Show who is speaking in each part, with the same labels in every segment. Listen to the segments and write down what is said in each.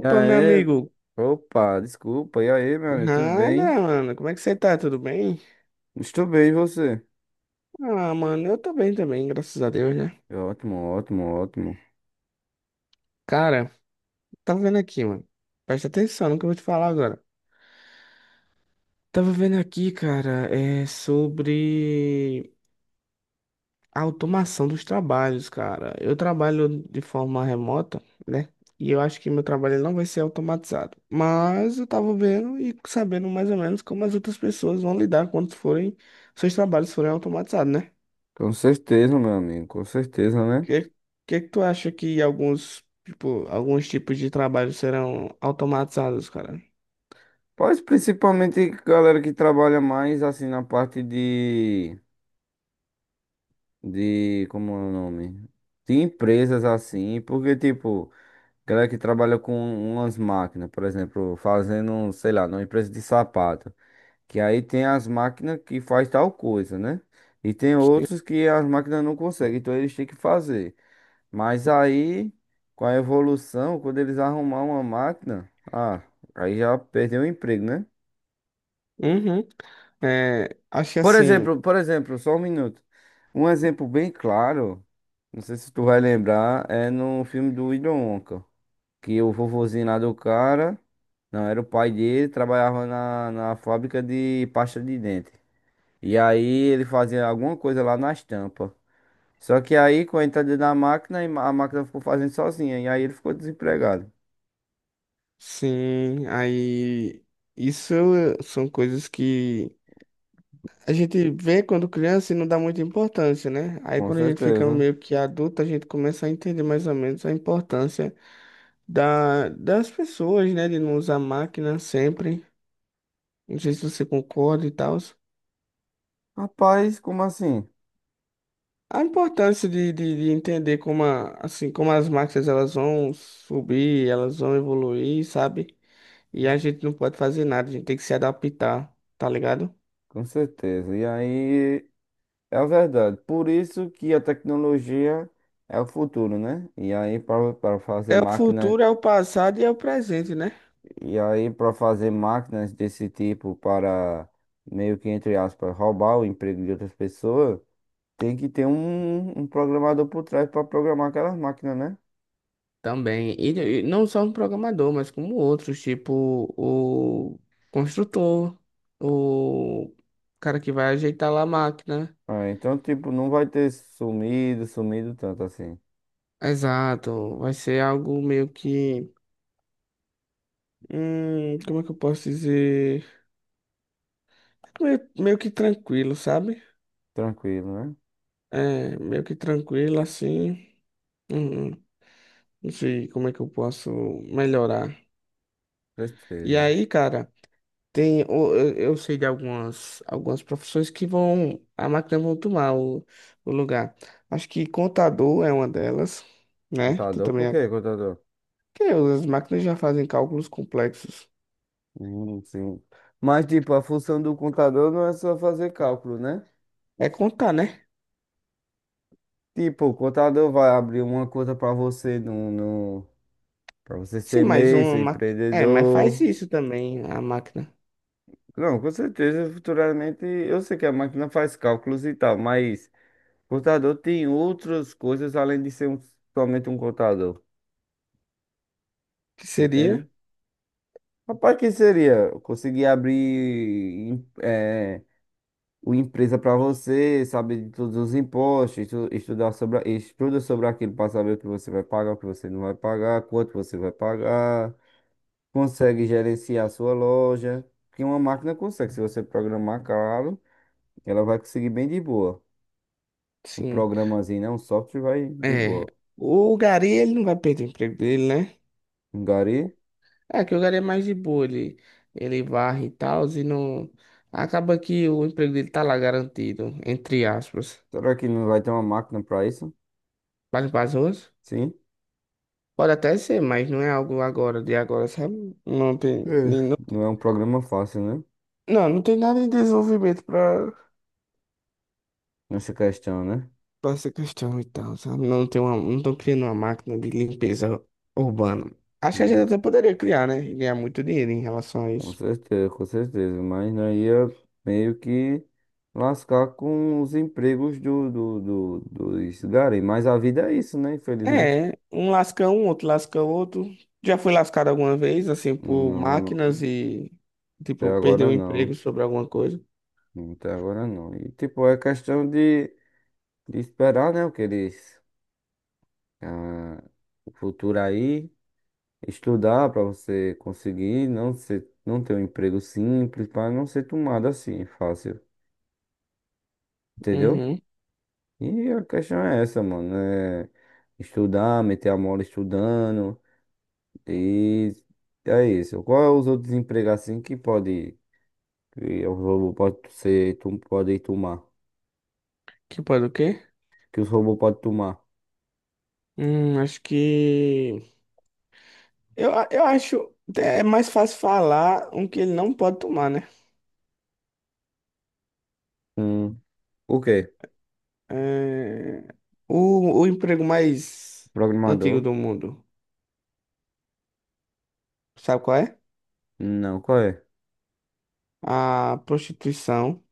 Speaker 1: E
Speaker 2: meu
Speaker 1: aí,
Speaker 2: amigo.
Speaker 1: opa, desculpa. E aí, meu amigo, tudo bem?
Speaker 2: Nada, mano. Como é que você tá? Tudo bem?
Speaker 1: Estou bem, e você?
Speaker 2: Ah, mano, eu tô bem também, graças a Deus, né?
Speaker 1: Ótimo, ótimo, ótimo.
Speaker 2: Cara, tava vendo aqui, mano. Presta atenção no que eu vou te falar agora. Tava vendo aqui, cara, é sobre a automação dos trabalhos, cara. Eu trabalho de forma remota, né? E eu acho que meu trabalho ele não vai ser automatizado. Mas eu tava vendo e sabendo mais ou menos como as outras pessoas vão lidar quando forem, seus trabalhos forem automatizados, né?
Speaker 1: Com certeza, meu amigo, com certeza, né?
Speaker 2: que, que que tu acha que alguns, tipo, alguns tipos de trabalho serão automatizados, cara?
Speaker 1: Pois principalmente galera que trabalha mais assim na parte de, como é o nome? De empresas assim, porque tipo, galera que trabalha com umas máquinas, por exemplo, fazendo, sei lá, numa empresa de sapato. Que aí tem as máquinas que faz tal coisa, né? E tem
Speaker 2: Sim.
Speaker 1: outros que as máquinas não conseguem, então eles têm que fazer. Mas aí, com a evolução, quando eles arrumar uma máquina, aí já perdeu o emprego, né?
Speaker 2: Uhum. É, acho que assim,
Speaker 1: Por exemplo, só um minuto. Um exemplo bem claro, não sei se tu vai lembrar, é no filme do Willy Wonka, que o vovozinho lá do cara, não, era o pai dele, trabalhava na, na fábrica de pasta de dente. E aí ele fazia alguma coisa lá na estampa. Só que aí, com a entrada da máquina, a máquina ficou fazendo sozinha. E aí ele ficou desempregado.
Speaker 2: sim, aí isso são coisas que a gente vê quando criança e não dá muita importância, né? Aí
Speaker 1: Com
Speaker 2: quando a gente fica
Speaker 1: certeza.
Speaker 2: meio que adulto, a gente começa a entender mais ou menos a importância das pessoas, né? De não usar máquina sempre. Não sei se você concorda e tal.
Speaker 1: Rapaz, como assim?
Speaker 2: A importância de entender como, assim, como as máquinas elas vão subir, elas vão evoluir, sabe? E a gente não pode fazer nada, a gente tem que se adaptar, tá ligado?
Speaker 1: Com certeza. E aí é verdade. Por isso que a tecnologia é o futuro, né? E aí para fazer
Speaker 2: É o
Speaker 1: máquina,
Speaker 2: futuro, é o passado e é o presente, né?
Speaker 1: e aí para fazer máquinas desse tipo para meio que entre aspas roubar o emprego de outras pessoas, tem que ter um programador por trás para programar aquelas máquinas, né?
Speaker 2: Também. E não só um programador, mas como outros, tipo o construtor, o cara que vai ajeitar lá a máquina.
Speaker 1: Ah, então, tipo, não vai ter sumido, sumido tanto assim.
Speaker 2: Exato. Vai ser algo meio que. Como é que eu posso dizer? Meio que tranquilo, sabe?
Speaker 1: Tranquilo, né?
Speaker 2: É, meio que tranquilo assim. Hum, não sei como é que eu posso melhorar. E
Speaker 1: Certeza.
Speaker 2: aí, cara, tem, eu sei de algumas, algumas profissões que vão, a máquina vão tomar o lugar. Acho que contador é uma delas, né? Tu
Speaker 1: Contador,
Speaker 2: também.
Speaker 1: por quê, contador?
Speaker 2: Que as máquinas já fazem cálculos complexos.
Speaker 1: Sim. Mas, tipo, a função do contador não é só fazer cálculo, né?
Speaker 2: É contar, né?
Speaker 1: Tipo, o contador vai abrir uma conta para você no, para você
Speaker 2: Sim,
Speaker 1: ser
Speaker 2: mais
Speaker 1: MEI,
Speaker 2: uma
Speaker 1: ser
Speaker 2: máquina. É, mas faz
Speaker 1: empreendedor.
Speaker 2: isso também a máquina.
Speaker 1: Não, com certeza, futuramente, eu sei que a máquina faz cálculos e tal, mas contador tem outras coisas além de ser somente um contador,
Speaker 2: Que seria?
Speaker 1: entende? Rapaz, que seria? Conseguir abrir em- eh, uma empresa para você, saber de todos os impostos, estudar sobre, estuda sobre aquilo para saber o que você vai pagar, o que você não vai pagar, quanto você vai pagar, consegue gerenciar a sua loja, porque uma máquina consegue, se você programar caro, ela vai conseguir bem de boa. Um
Speaker 2: Sim.
Speaker 1: programazinho, né? Um software vai de
Speaker 2: É,
Speaker 1: boa.
Speaker 2: o Gari, ele não vai perder o emprego dele, né?
Speaker 1: Um gari?
Speaker 2: É, que o Gari é mais de boa, ele varre e tal, e não... Acaba que o emprego dele tá lá garantido, entre aspas.
Speaker 1: Será que não vai ter uma máquina para isso?
Speaker 2: Para limpar as ruas?
Speaker 1: Sim.
Speaker 2: Pode até ser, mas não é algo agora, de agora, sabe? Não tem,
Speaker 1: É.
Speaker 2: nem- não
Speaker 1: Não
Speaker 2: tem,
Speaker 1: é um programa fácil, né?
Speaker 2: não, não tem nada em desenvolvimento pra,
Speaker 1: Nessa questão, né?
Speaker 2: pra essa questão e tal, sabe? Não estão criando uma máquina de limpeza urbana. Acho que a gente
Speaker 1: Hum.
Speaker 2: até poderia criar, né? E ganhar muito dinheiro em relação a
Speaker 1: Com
Speaker 2: isso.
Speaker 1: certeza, com certeza. Mas não ia meio que lascar com os empregos do, dos garim. Mas a vida é isso, né? Infelizmente.
Speaker 2: É, um lasca um, outro lasca outro. Já fui lascado alguma vez, assim, por
Speaker 1: Não,
Speaker 2: máquinas
Speaker 1: não.
Speaker 2: e,
Speaker 1: Até
Speaker 2: tipo, perdeu
Speaker 1: agora
Speaker 2: o
Speaker 1: não.
Speaker 2: emprego sobre alguma coisa.
Speaker 1: Até agora não. E tipo, é questão de esperar, né? O que eles. ah, o futuro aí. Estudar para você conseguir não ser, não ter um emprego simples, para não ser tomado assim fácil, entendeu?
Speaker 2: Uhum.
Speaker 1: E a questão é essa, mano, é estudar, meter a mola estudando e é isso. Qual é os outros empregos assim que pode que o robô pode ser, tu pode tomar,
Speaker 2: Que pode o quê?
Speaker 1: que os robôs podem tomar?
Speaker 2: Acho que. Eu acho. É mais fácil falar um que ele não pode tomar, né?
Speaker 1: Hum, o quê?
Speaker 2: É, o emprego mais antigo
Speaker 1: Programador?
Speaker 2: do mundo. Sabe qual é?
Speaker 1: Não, qual é?
Speaker 2: A prostituição.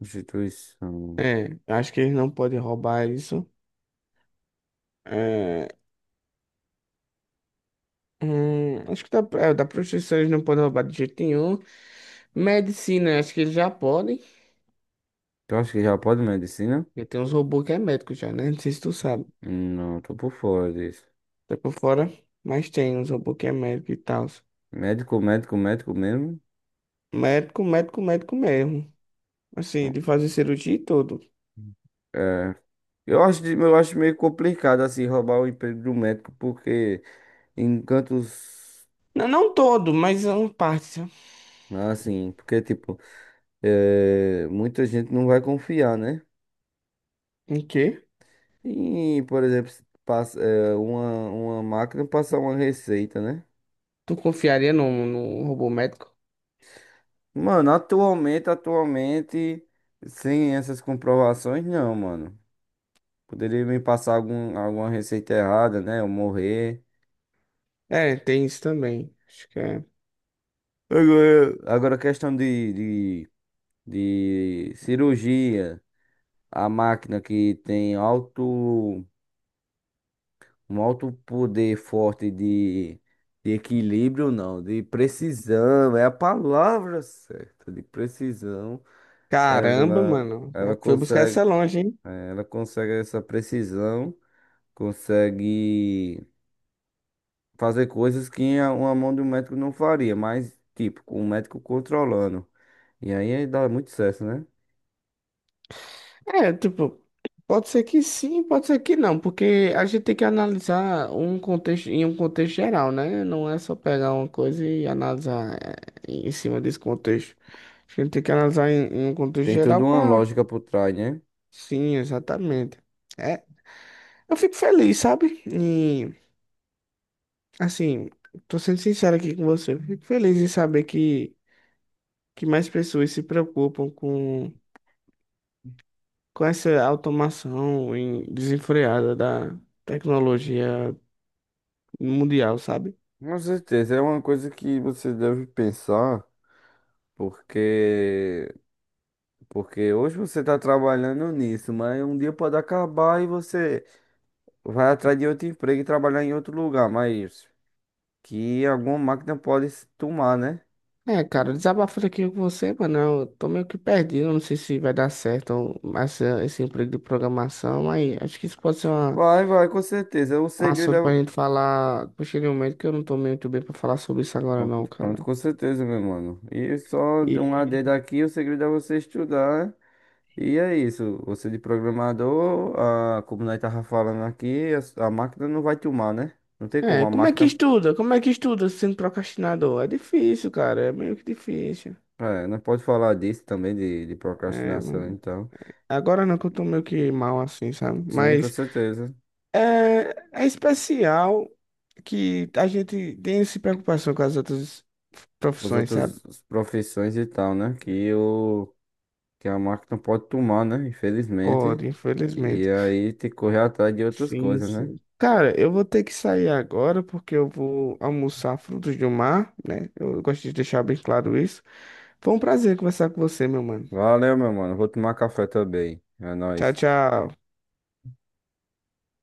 Speaker 1: Instituição.
Speaker 2: É, acho que eles não podem roubar isso. É, acho que da, é, da prostituição eles não podem roubar de jeito nenhum. Medicina, acho que eles já podem.
Speaker 1: Tu acha que já pode medicina?
Speaker 2: Porque tem uns robôs que é médico já, né? Não sei se tu sabe.
Speaker 1: Não, tô por fora disso.
Speaker 2: Tá por fora, mas tem uns robôs que é médico e tal.
Speaker 1: Médico, médico, médico mesmo.
Speaker 2: Médico, médico, médico mesmo. Assim, de fazer cirurgia e tudo.
Speaker 1: É, eu acho, eu acho meio complicado assim roubar o emprego do médico, porque em cantos
Speaker 2: Não, não todo, mas é uma parte, sabe?
Speaker 1: assim, porque tipo, é, muita gente não vai confiar, né?
Speaker 2: Em quê?
Speaker 1: E, por exemplo, se passa, é, uma máquina passar uma receita, né?
Speaker 2: Tu confiaria num, num robô médico?
Speaker 1: Mano, atualmente, atualmente, sem essas comprovações, não, mano. Poderia me passar algum, alguma receita errada, né? Eu morrer.
Speaker 2: É, tem isso também. Acho que é.
Speaker 1: Agora, agora questão de, de cirurgia, a máquina que tem alto, um alto poder forte de equilíbrio, não, de precisão, é a palavra certa, de precisão.
Speaker 2: Caramba,
Speaker 1: Ela,
Speaker 2: mano.
Speaker 1: ela
Speaker 2: É, foi buscar
Speaker 1: consegue,
Speaker 2: essa longe, hein?
Speaker 1: ela consegue essa precisão, consegue fazer coisas que uma mão do médico não faria, mas tipo, com o médico controlando. E aí dá muito certo, né?
Speaker 2: É, tipo, pode ser que sim, pode ser que não, porque a gente tem que analisar um contexto em um contexto geral, né? Não é só pegar uma coisa e analisar em cima desse contexto. A gente tem que analisar em, em um contexto
Speaker 1: Tem toda
Speaker 2: geral
Speaker 1: uma
Speaker 2: para.
Speaker 1: lógica por trás, né?
Speaker 2: Sim, exatamente. É, eu fico feliz, sabe? E, assim, tô sendo sincero aqui com você. Eu fico feliz em saber que mais pessoas se preocupam com essa automação desenfreada da tecnologia no Mundial, sabe?
Speaker 1: Com certeza, é uma coisa que você deve pensar, porque porque hoje você está trabalhando nisso, mas um dia pode acabar e você vai atrás de outro emprego e trabalhar em outro lugar, mas que alguma máquina pode se tomar, né?
Speaker 2: É, cara, desabafo aqui com você, mano. Eu tô meio que perdido, não sei se vai dar certo essa, esse emprego de programação, mas acho que isso pode ser uma,
Speaker 1: Vai, vai, com certeza. O
Speaker 2: um
Speaker 1: segredo
Speaker 2: assunto pra
Speaker 1: é...
Speaker 2: gente falar posteriormente, que eu não tô muito bem pra falar sobre isso agora
Speaker 1: Pronto,
Speaker 2: não, cara.
Speaker 1: pronto, com certeza, meu mano. E só de
Speaker 2: E,
Speaker 1: um AD daqui, o segredo é você estudar, né? E é isso, você de programador, a, como nós tava falando aqui, a máquina não vai te humar, né? Não tem como,
Speaker 2: é,
Speaker 1: a
Speaker 2: como é que
Speaker 1: máquina,
Speaker 2: estuda? Como é que estuda sendo procrastinador? É difícil, cara, é meio que difícil.
Speaker 1: é, nós pode falar disso também, de
Speaker 2: É,
Speaker 1: procrastinação
Speaker 2: mano.
Speaker 1: e tal.
Speaker 2: Agora não que eu tô meio que mal assim, sabe?
Speaker 1: Sim, com
Speaker 2: Mas
Speaker 1: certeza,
Speaker 2: é, é especial que a gente tem essa preocupação com as outras
Speaker 1: com as
Speaker 2: profissões, sabe?
Speaker 1: outras profissões e tal, né? Que, o, que a máquina pode tomar, né? Infelizmente,
Speaker 2: Pode,
Speaker 1: e
Speaker 2: infelizmente.
Speaker 1: aí tem que correr atrás de outras
Speaker 2: Sim,
Speaker 1: coisas, né?
Speaker 2: sim. Cara, eu vou ter que sair agora porque eu vou almoçar frutos do mar, né? Eu gosto de deixar bem claro isso. Foi um prazer conversar com você, meu mano.
Speaker 1: Valeu, meu mano, vou tomar café também, é
Speaker 2: Tchau,
Speaker 1: nóis.
Speaker 2: tchau.